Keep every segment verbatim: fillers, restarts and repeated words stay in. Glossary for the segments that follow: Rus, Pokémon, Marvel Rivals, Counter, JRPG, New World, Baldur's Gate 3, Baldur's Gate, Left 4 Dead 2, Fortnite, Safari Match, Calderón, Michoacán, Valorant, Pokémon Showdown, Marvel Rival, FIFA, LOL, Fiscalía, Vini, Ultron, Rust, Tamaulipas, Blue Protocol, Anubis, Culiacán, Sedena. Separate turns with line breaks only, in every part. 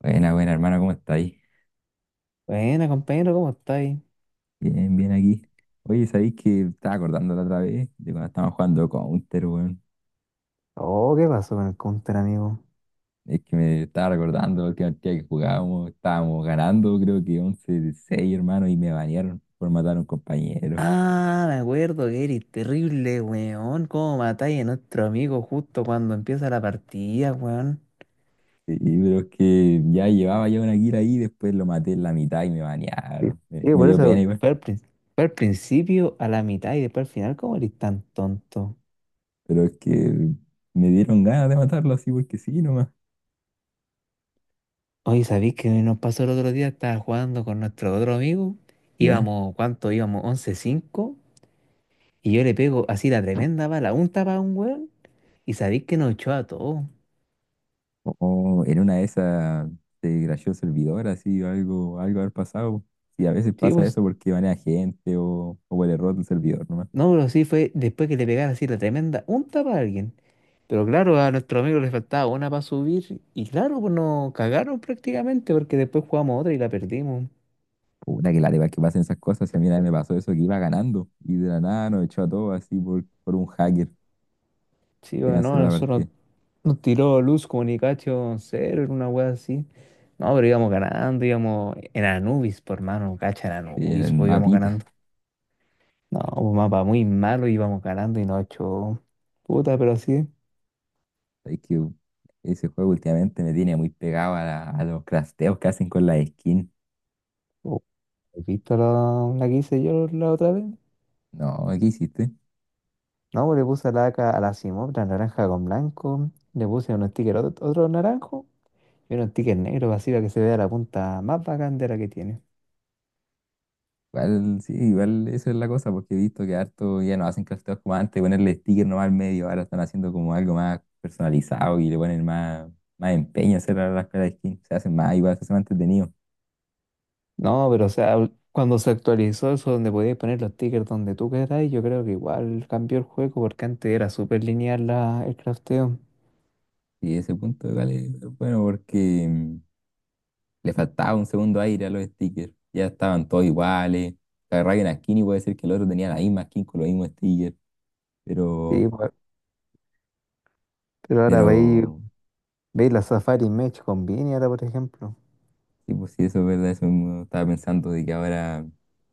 Buena, buena, hermano, ¿cómo estáis?
Buena, compañero, ¿cómo estáis?
Bien, bien aquí. Oye, ¿sabéis que estaba acordando la otra vez de cuando estábamos jugando Counter, weón?
Oh, ¿qué pasó con el counter, amigo?
Es que me estaba recordando la última partida que jugábamos, estábamos ganando, creo que once seis, hermano, y me banearon por matar a un compañero.
Ah, me acuerdo que eres terrible, weón. ¿Cómo matáis a nuestro amigo justo cuando empieza la partida, weón?
Y pero es que ya llevaba yo una kill ahí, después lo maté en la mitad y me
Sí,
banearon. Me,
sí,
me
por
dio pena
eso.
igual,
Fue al, prin- fue al principio, a la mitad y después al final. ¿Cómo eres tan tonto?
pero es que me dieron ganas de matarlo así porque sí nomás.
Oye, ¿sabéis que nos pasó el otro día? Estaba jugando con nuestro otro amigo.
Ya.
Íbamos, ¿cuánto? Íbamos once cinco. Y yo le pego así la tremenda bala, un tapa a un weón. Y sabéis que nos echó a todos.
O en una de esas se crasheó el servidor, así, o algo, algo haber pasado. Y a veces
Sí,
pasa
pues.
eso porque van a gente o, o por el error del servidor nomás.
No, pero sí fue después que le pegara así la tremenda unta para alguien. Pero claro, a nuestro amigo le faltaba una para subir. Y claro, pues nos cagaron prácticamente porque después jugamos otra y la perdimos.
Puta que la de que pasen esas cosas. Y a mí una vez me pasó eso que iba ganando y de la nada nos echó a todos así por, por un hacker
Sí,
que
o no,
canceló la
nosotros
partida.
nos tiró Luz Comunicación cero en una wea así. No, pero íbamos ganando, íbamos en Anubis, por mano, cacha, en
Y en
Anubis,
el
pues íbamos
mapita.
ganando. No, un mapa muy malo, íbamos ganando y nos echó, puta, pero así.
Es que ese juego últimamente me tiene muy pegado a, la- a los crafteos que hacen con la skin.
Oh, ¿has visto la, la que hice yo la otra vez?
No, ¿qué hiciste?
No, pues le puse la laca a la Simotra naranja con blanco. Le puse unos stickers ot- otro, naranjo, y unos stickers negros así para que se vea la punta más bacán de la que tiene.
Igual, sí, igual eso es la cosa, porque he visto que harto ya no hacen crafteos como antes, ponerle sticker nomás al medio, ahora están haciendo como algo más personalizado y le ponen más, más empeño a hacer a las caras de skin, se hacen más, igual se hacen más entretenido.
No, pero o sea, ul- cuando se actualizó eso donde podías poner los stickers donde tú queráis, yo creo que igual cambió el juego porque antes era súper lineal la, el crafteo.
Y ese punto igual es bueno porque mm, le faltaba un segundo aire a los stickers, ya estaban todos iguales, agarraba una skin y puede ser que el otro tenía la misma skin con los mismos stickers,
Sí,
pero,
pues, pero ahora veis,
pero
veis la Safari Match con Vini ahora, por ejemplo.
Sí, pues sí, eso es verdad, eso mismo estaba pensando de que ahora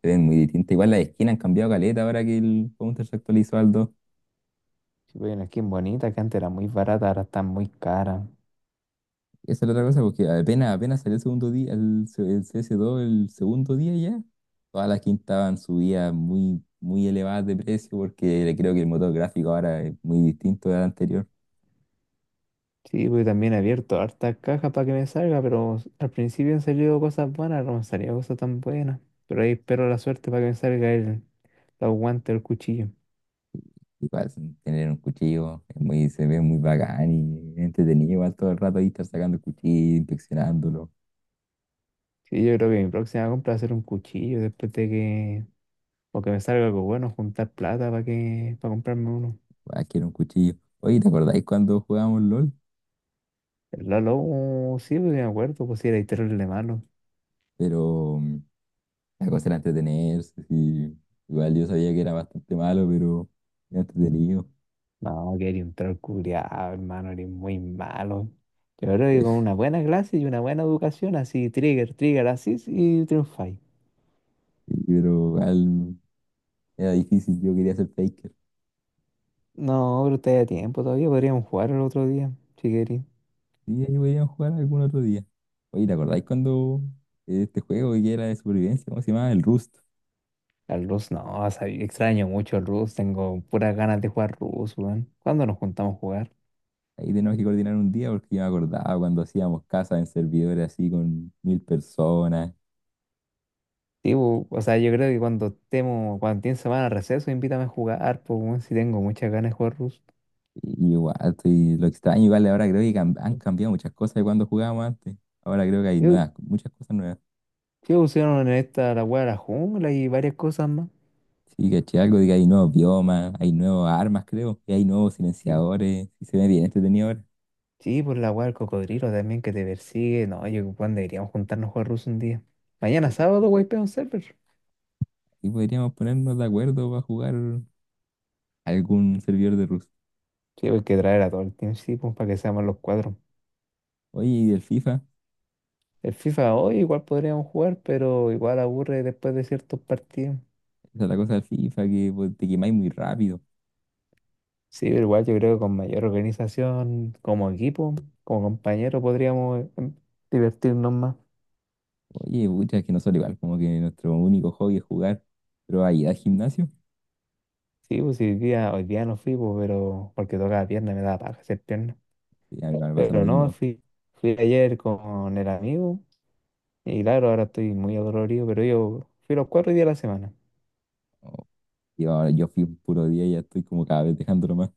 se ven muy distintas. Igual las esquinas han cambiado caleta ahora que el Counter se actualizó al dos.
Si veis una skin bonita que antes era muy barata, ahora está muy cara.
Esa es la otra cosa, porque apenas, apenas salió el segundo día, el, se- el CS dos el segundo día ya, todas las skins estaban subidas muy, muy elevadas de precio, porque creo que el motor gráfico ahora es muy distinto al anterior.
Sí, porque también he abierto hartas cajas para que me salga, pero al principio han salido cosas buenas, no me salía cosas tan buenas. Pero ahí espero la suerte para que me salga el, los guantes, el cuchillo.
Igual sin tener un cuchillo es muy, se ve muy bacán y es entretenido, igual todo el rato ahí estar sacando el cuchillo, inspeccionándolo.
Sí, yo creo que mi próxima compra va a ser un cuchillo después de que, o que me salga algo bueno, juntar plata para que, para comprarme uno.
Ah, quiero un cuchillo. Oye, ¿te acordáis cuando jugábamos LOL?
El Lalo, oh, sí, pues me acuerdo, pues sí, era terrible malo.
Pero mm, la cosa era entretenerse, sí. Igual yo sabía que era bastante malo, pero era entretenido.
No, que era un troll culiao, hermano, eres muy malo. Yo creo que con una buena clase y una buena educación, así, trigger, trigger, así, y triunfáis.
Sí, pero igual era difícil, yo quería ser faker.
No, pero está a tiempo todavía. Podríamos jugar el otro día, si queréis.
Sí, ahí podríamos jugar algún otro día. Oye, ¿te acordáis cuando eh, este juego que era de supervivencia, cómo se llamaba? El Rust.
Al Rus, no, sabí- extraño mucho el Rus. Tengo puras ganas de jugar Rus, weón. ¿Cuándo nos juntamos a jugar?
Ahí tenemos que coordinar un día porque yo me acordaba cuando hacíamos casas en servidores así con mil personas.
Sí, bu- o sea, yo creo que cuando estemos, cuando tiene semana de receso, invítame a jugar, pues, weón, si tengo muchas ganas de jugar Rus.
Y igual, estoy- lo extraño, igual ahora creo que cam- han cambiado muchas cosas de cuando jugábamos antes. Ahora creo que hay
¿Qué,
nuevas, muchas cosas nuevas.
qué pusieron en esta, la weá de la jungla y varias cosas más?
Sí, caché algo de que hay nuevos biomas, hay nuevas armas, creo, y hay nuevos
Sí, po,
silenciadores, y se ve bien entretenido ahora.
sí, pues la weá del cocodrilo también que te persigue. No, yo, weón, deberíamos juntarnos a jugar Rus un día.
Sí.
Mañana sábado, wey, pega un server. Sí,
Y podríamos ponernos de acuerdo para jugar algún servidor de Rust.
pues, hay que traer a todo el team, sí, pues, para que seamos los cuatro.
Oye, y del FIFA,
El FIFA hoy igual podríamos jugar, pero igual aburre después de ciertos partidos.
esa es la cosa del FIFA, que pues, te quemáis muy rápido.
Sí, pero igual yo creo que con mayor organización, como equipo, como compañero, podríamos em, divertirnos más.
Oye, pucha, es que nosotros igual, como que nuestro único hobby es jugar, pero ahí al gimnasio,
Sí, pues sí, hoy día, hoy día no fui, pues, pero porque tocaba pierna, me daba paja hacer pierna.
sí, a mí igual me pasa lo
Pero no,
mismo.
fui, fui ayer con el amigo y claro, ahora estoy muy adolorido, pero yo fui los cuatro días de la semana.
Oh, y ahora yo fui un puro día y ya estoy como cada vez dejándolo más.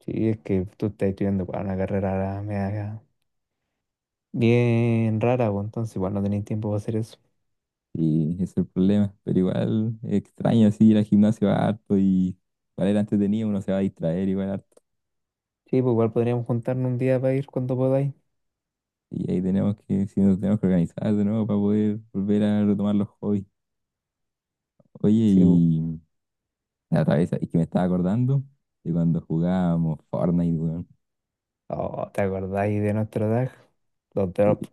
Sí, es que tú estás estudiando para una carrera media bien rara, pues entonces igual no tenéis tiempo para hacer eso.
Y ese es el problema, pero igual es extraño así ir al gimnasio harto y para era entretenido, uno se va a distraer igual harto.
Sí, pues igual podríamos juntarnos un día para ir cuando podáis.
Y ahí tenemos que, si nos tenemos que organizar de nuevo para poder volver a retomar los hobbies. Oye,
Sí, pues.
y la otra vez es que me estaba acordando de cuando jugábamos Fortnite, weón,
Oh, ¿te acordáis de nuestro tag? Los drop.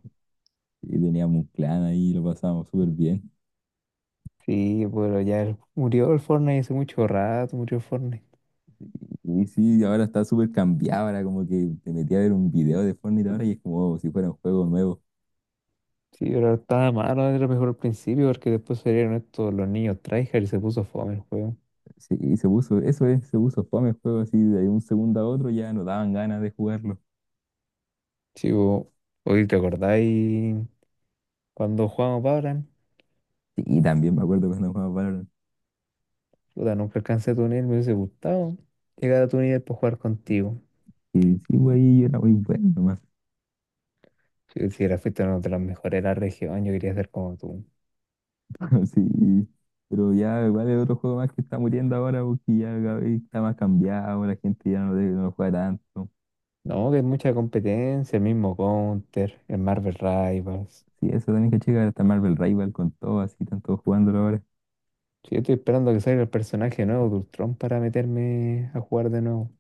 y teníamos un clan ahí, lo pasábamos súper bien.
Sí, pero ya el- murió el Fortnite hace mucho rato, murió el Fortnite.
Y sí, ahora está súper cambiado, ahora como que te metí a ver un video de Fortnite ahora y es como si fuera un juego nuevo.
Sí, pero estaba malo, era mejor al principio porque después salieron estos los niños tryhard y se puso fome el juego.
Sí, y se puso, eso es, se puso fome el juego así de un segundo a otro ya no daban ganas de jugarlo.
Sí, pues, hoy te acordáis cuando jugamos Valorant.
Sí, y también me acuerdo cuando jugaba Valorant.
Puta, nunca alcancé a tu nivel, me hubiese gustado llegar a tu nivel para jugar contigo.
Y sí, güey, yo era muy bueno nomás.
Si, si era, fuiste uno de los mejores de la región, yo quería ser como tú.
Sí, pero ya igual es otro juego más que está muriendo ahora porque ya cada vez está más cambiado, la gente ya no, de- no lo juega tanto.
No, que hay mucha competencia, el mismo Counter, el Marvel Rivals.
Sí, eso también que checar, hasta Marvel Rival con todo, así están todos jugándolo ahora.
Sí, yo estoy esperando que salga el personaje nuevo de Ultron para meterme a jugar de nuevo.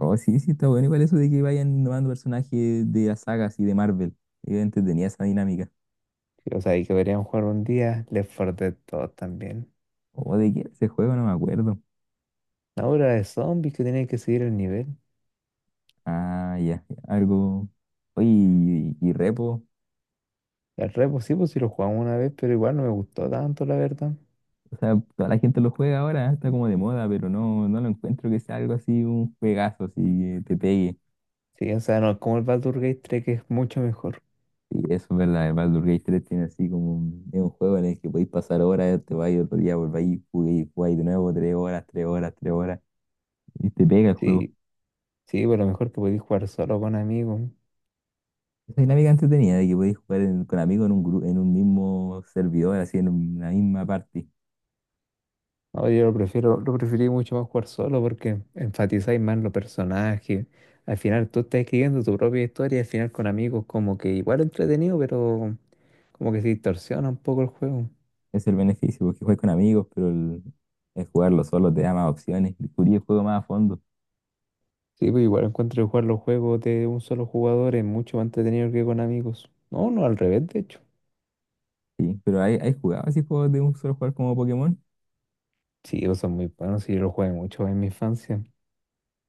Oh, sí, sí, está bueno igual eso de que vayan innovando personajes de las sagas y de Marvel. Yo entretenía esa dinámica.
Sí, o sea, y que deberían jugar un día Left cuatro Dead dos también.
O de qué era ese juego, no me acuerdo.
Ahora de zombies que tenía que seguir el nivel.
Ah, ya, ya, algo. Oye, y, y repo.
El repo sí, pues sí lo jugamos una vez, pero igual no me gustó tanto, la verdad.
O sea, toda la gente lo juega ahora, está como de moda, pero no, no lo encuentro que sea algo así, un juegazo, así que te pegue.
Sí, o sea, no es como el Baldur's Gate tres que es mucho mejor.
Sí, eso es verdad, el Baldur's Gate tres tiene así como un, es un juego en el que podéis pasar horas, te vais otro día, volváis, jugáis, jugáis de nuevo, tres horas, tres horas, tres horas, y te pega el juego.
Sí, sí, pero mejor que podéis jugar solo con amigos.
Esa dinámica entretenida de que podéis jugar en- con amigos en un gru- en un mismo servidor, así en una misma party.
No, yo lo prefiero, lo preferí mucho más jugar solo porque enfatizáis más los personajes. Al final tú estás escribiendo tu propia historia, al final con amigos como que igual entretenido, pero como que se distorsiona un poco el juego.
Es el beneficio, porque juegas con amigos, pero el, el jugarlo solo te da más opciones. Descubrí el juego más a fondo.
Sí, pues igual encuentro que jugar los juegos de un solo jugador es mucho más entretenido que con amigos. No, no, al revés, de hecho.
Sí, pero ¿hay, hay jugado así juegos de un solo jugar como Pokémon?
Sí, ellos son muy buenos y yo los jugué mucho en mi infancia.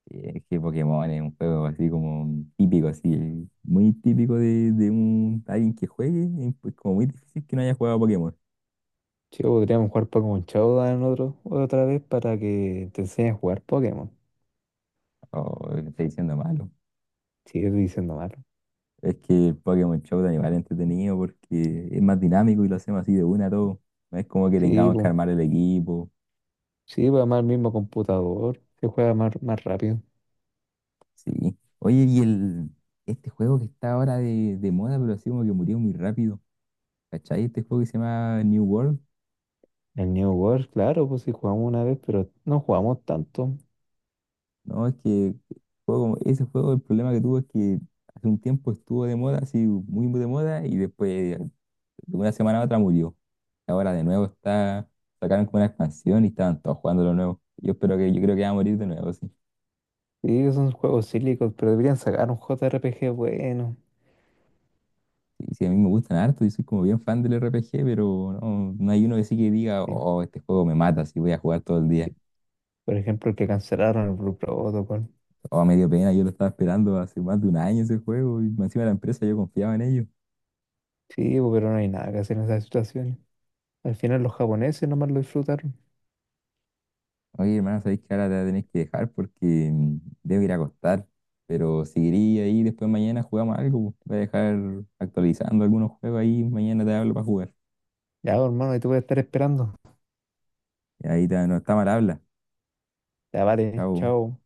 Sí, es que Pokémon es un juego así como típico, así, muy típico de, de un, alguien que juegue, y pues como muy difícil que no haya jugado a Pokémon.
Sí, pues, podríamos jugar Pokémon Showdown otro, otra vez para que te enseñes a jugar Pokémon.
Oh, le estoy diciendo malo.
Sigue diciendo mal.
Es que el Pokémon Show de animal es entretenido porque es más dinámico y lo hacemos así de una a todo. No es como que
Sí,
tengamos que
pues.
armar el equipo.
Sí, va más el mismo computador, se juega más, más rápido.
Sí. Oye, y el, este juego que está ahora de, de moda, pero así como que murió muy rápido. ¿Cachai? Este juego que se llama New World.
El New World, claro, pues sí jugamos una vez, pero no jugamos tanto.
No, es que juego, ese juego, el problema que tuvo es que hace un tiempo estuvo de moda, así muy, muy de moda, y después de una semana a otra murió. Ahora de nuevo está, sacaron como una expansión y estaban todos jugando lo nuevo. Yo espero que, yo creo que va a morir de nuevo, sí.
Sí, son juegos cílicos, pero deberían sacar un J R P G bueno.
Sí, sí, a mí me gustan harto, yo soy como bien fan del R P G, pero no, no hay uno que sí que diga,
Sí,
oh, este juego me mata, si voy a jugar todo el día.
sí. Por ejemplo, el que cancelaron el Blue Protocol.
Oh, me dio pena, yo lo estaba esperando hace más de un año ese juego y más encima de la empresa yo confiaba en ellos.
Sí, pues, pero no hay nada que hacer en esas situaciones. Al final los japoneses nomás lo disfrutaron.
Oye, hermano, sabéis que ahora te voy a que dejar porque mm, debo ir a acostar, pero seguiría ahí, después mañana jugamos algo, po. Voy a dejar actualizando algunos juegos ahí, mañana te hablo para jugar.
Ya, pues, hermano, ahí te voy a estar esperando.
Y ahí te- no está mal habla.
Ya, vale,
Chao.
chao.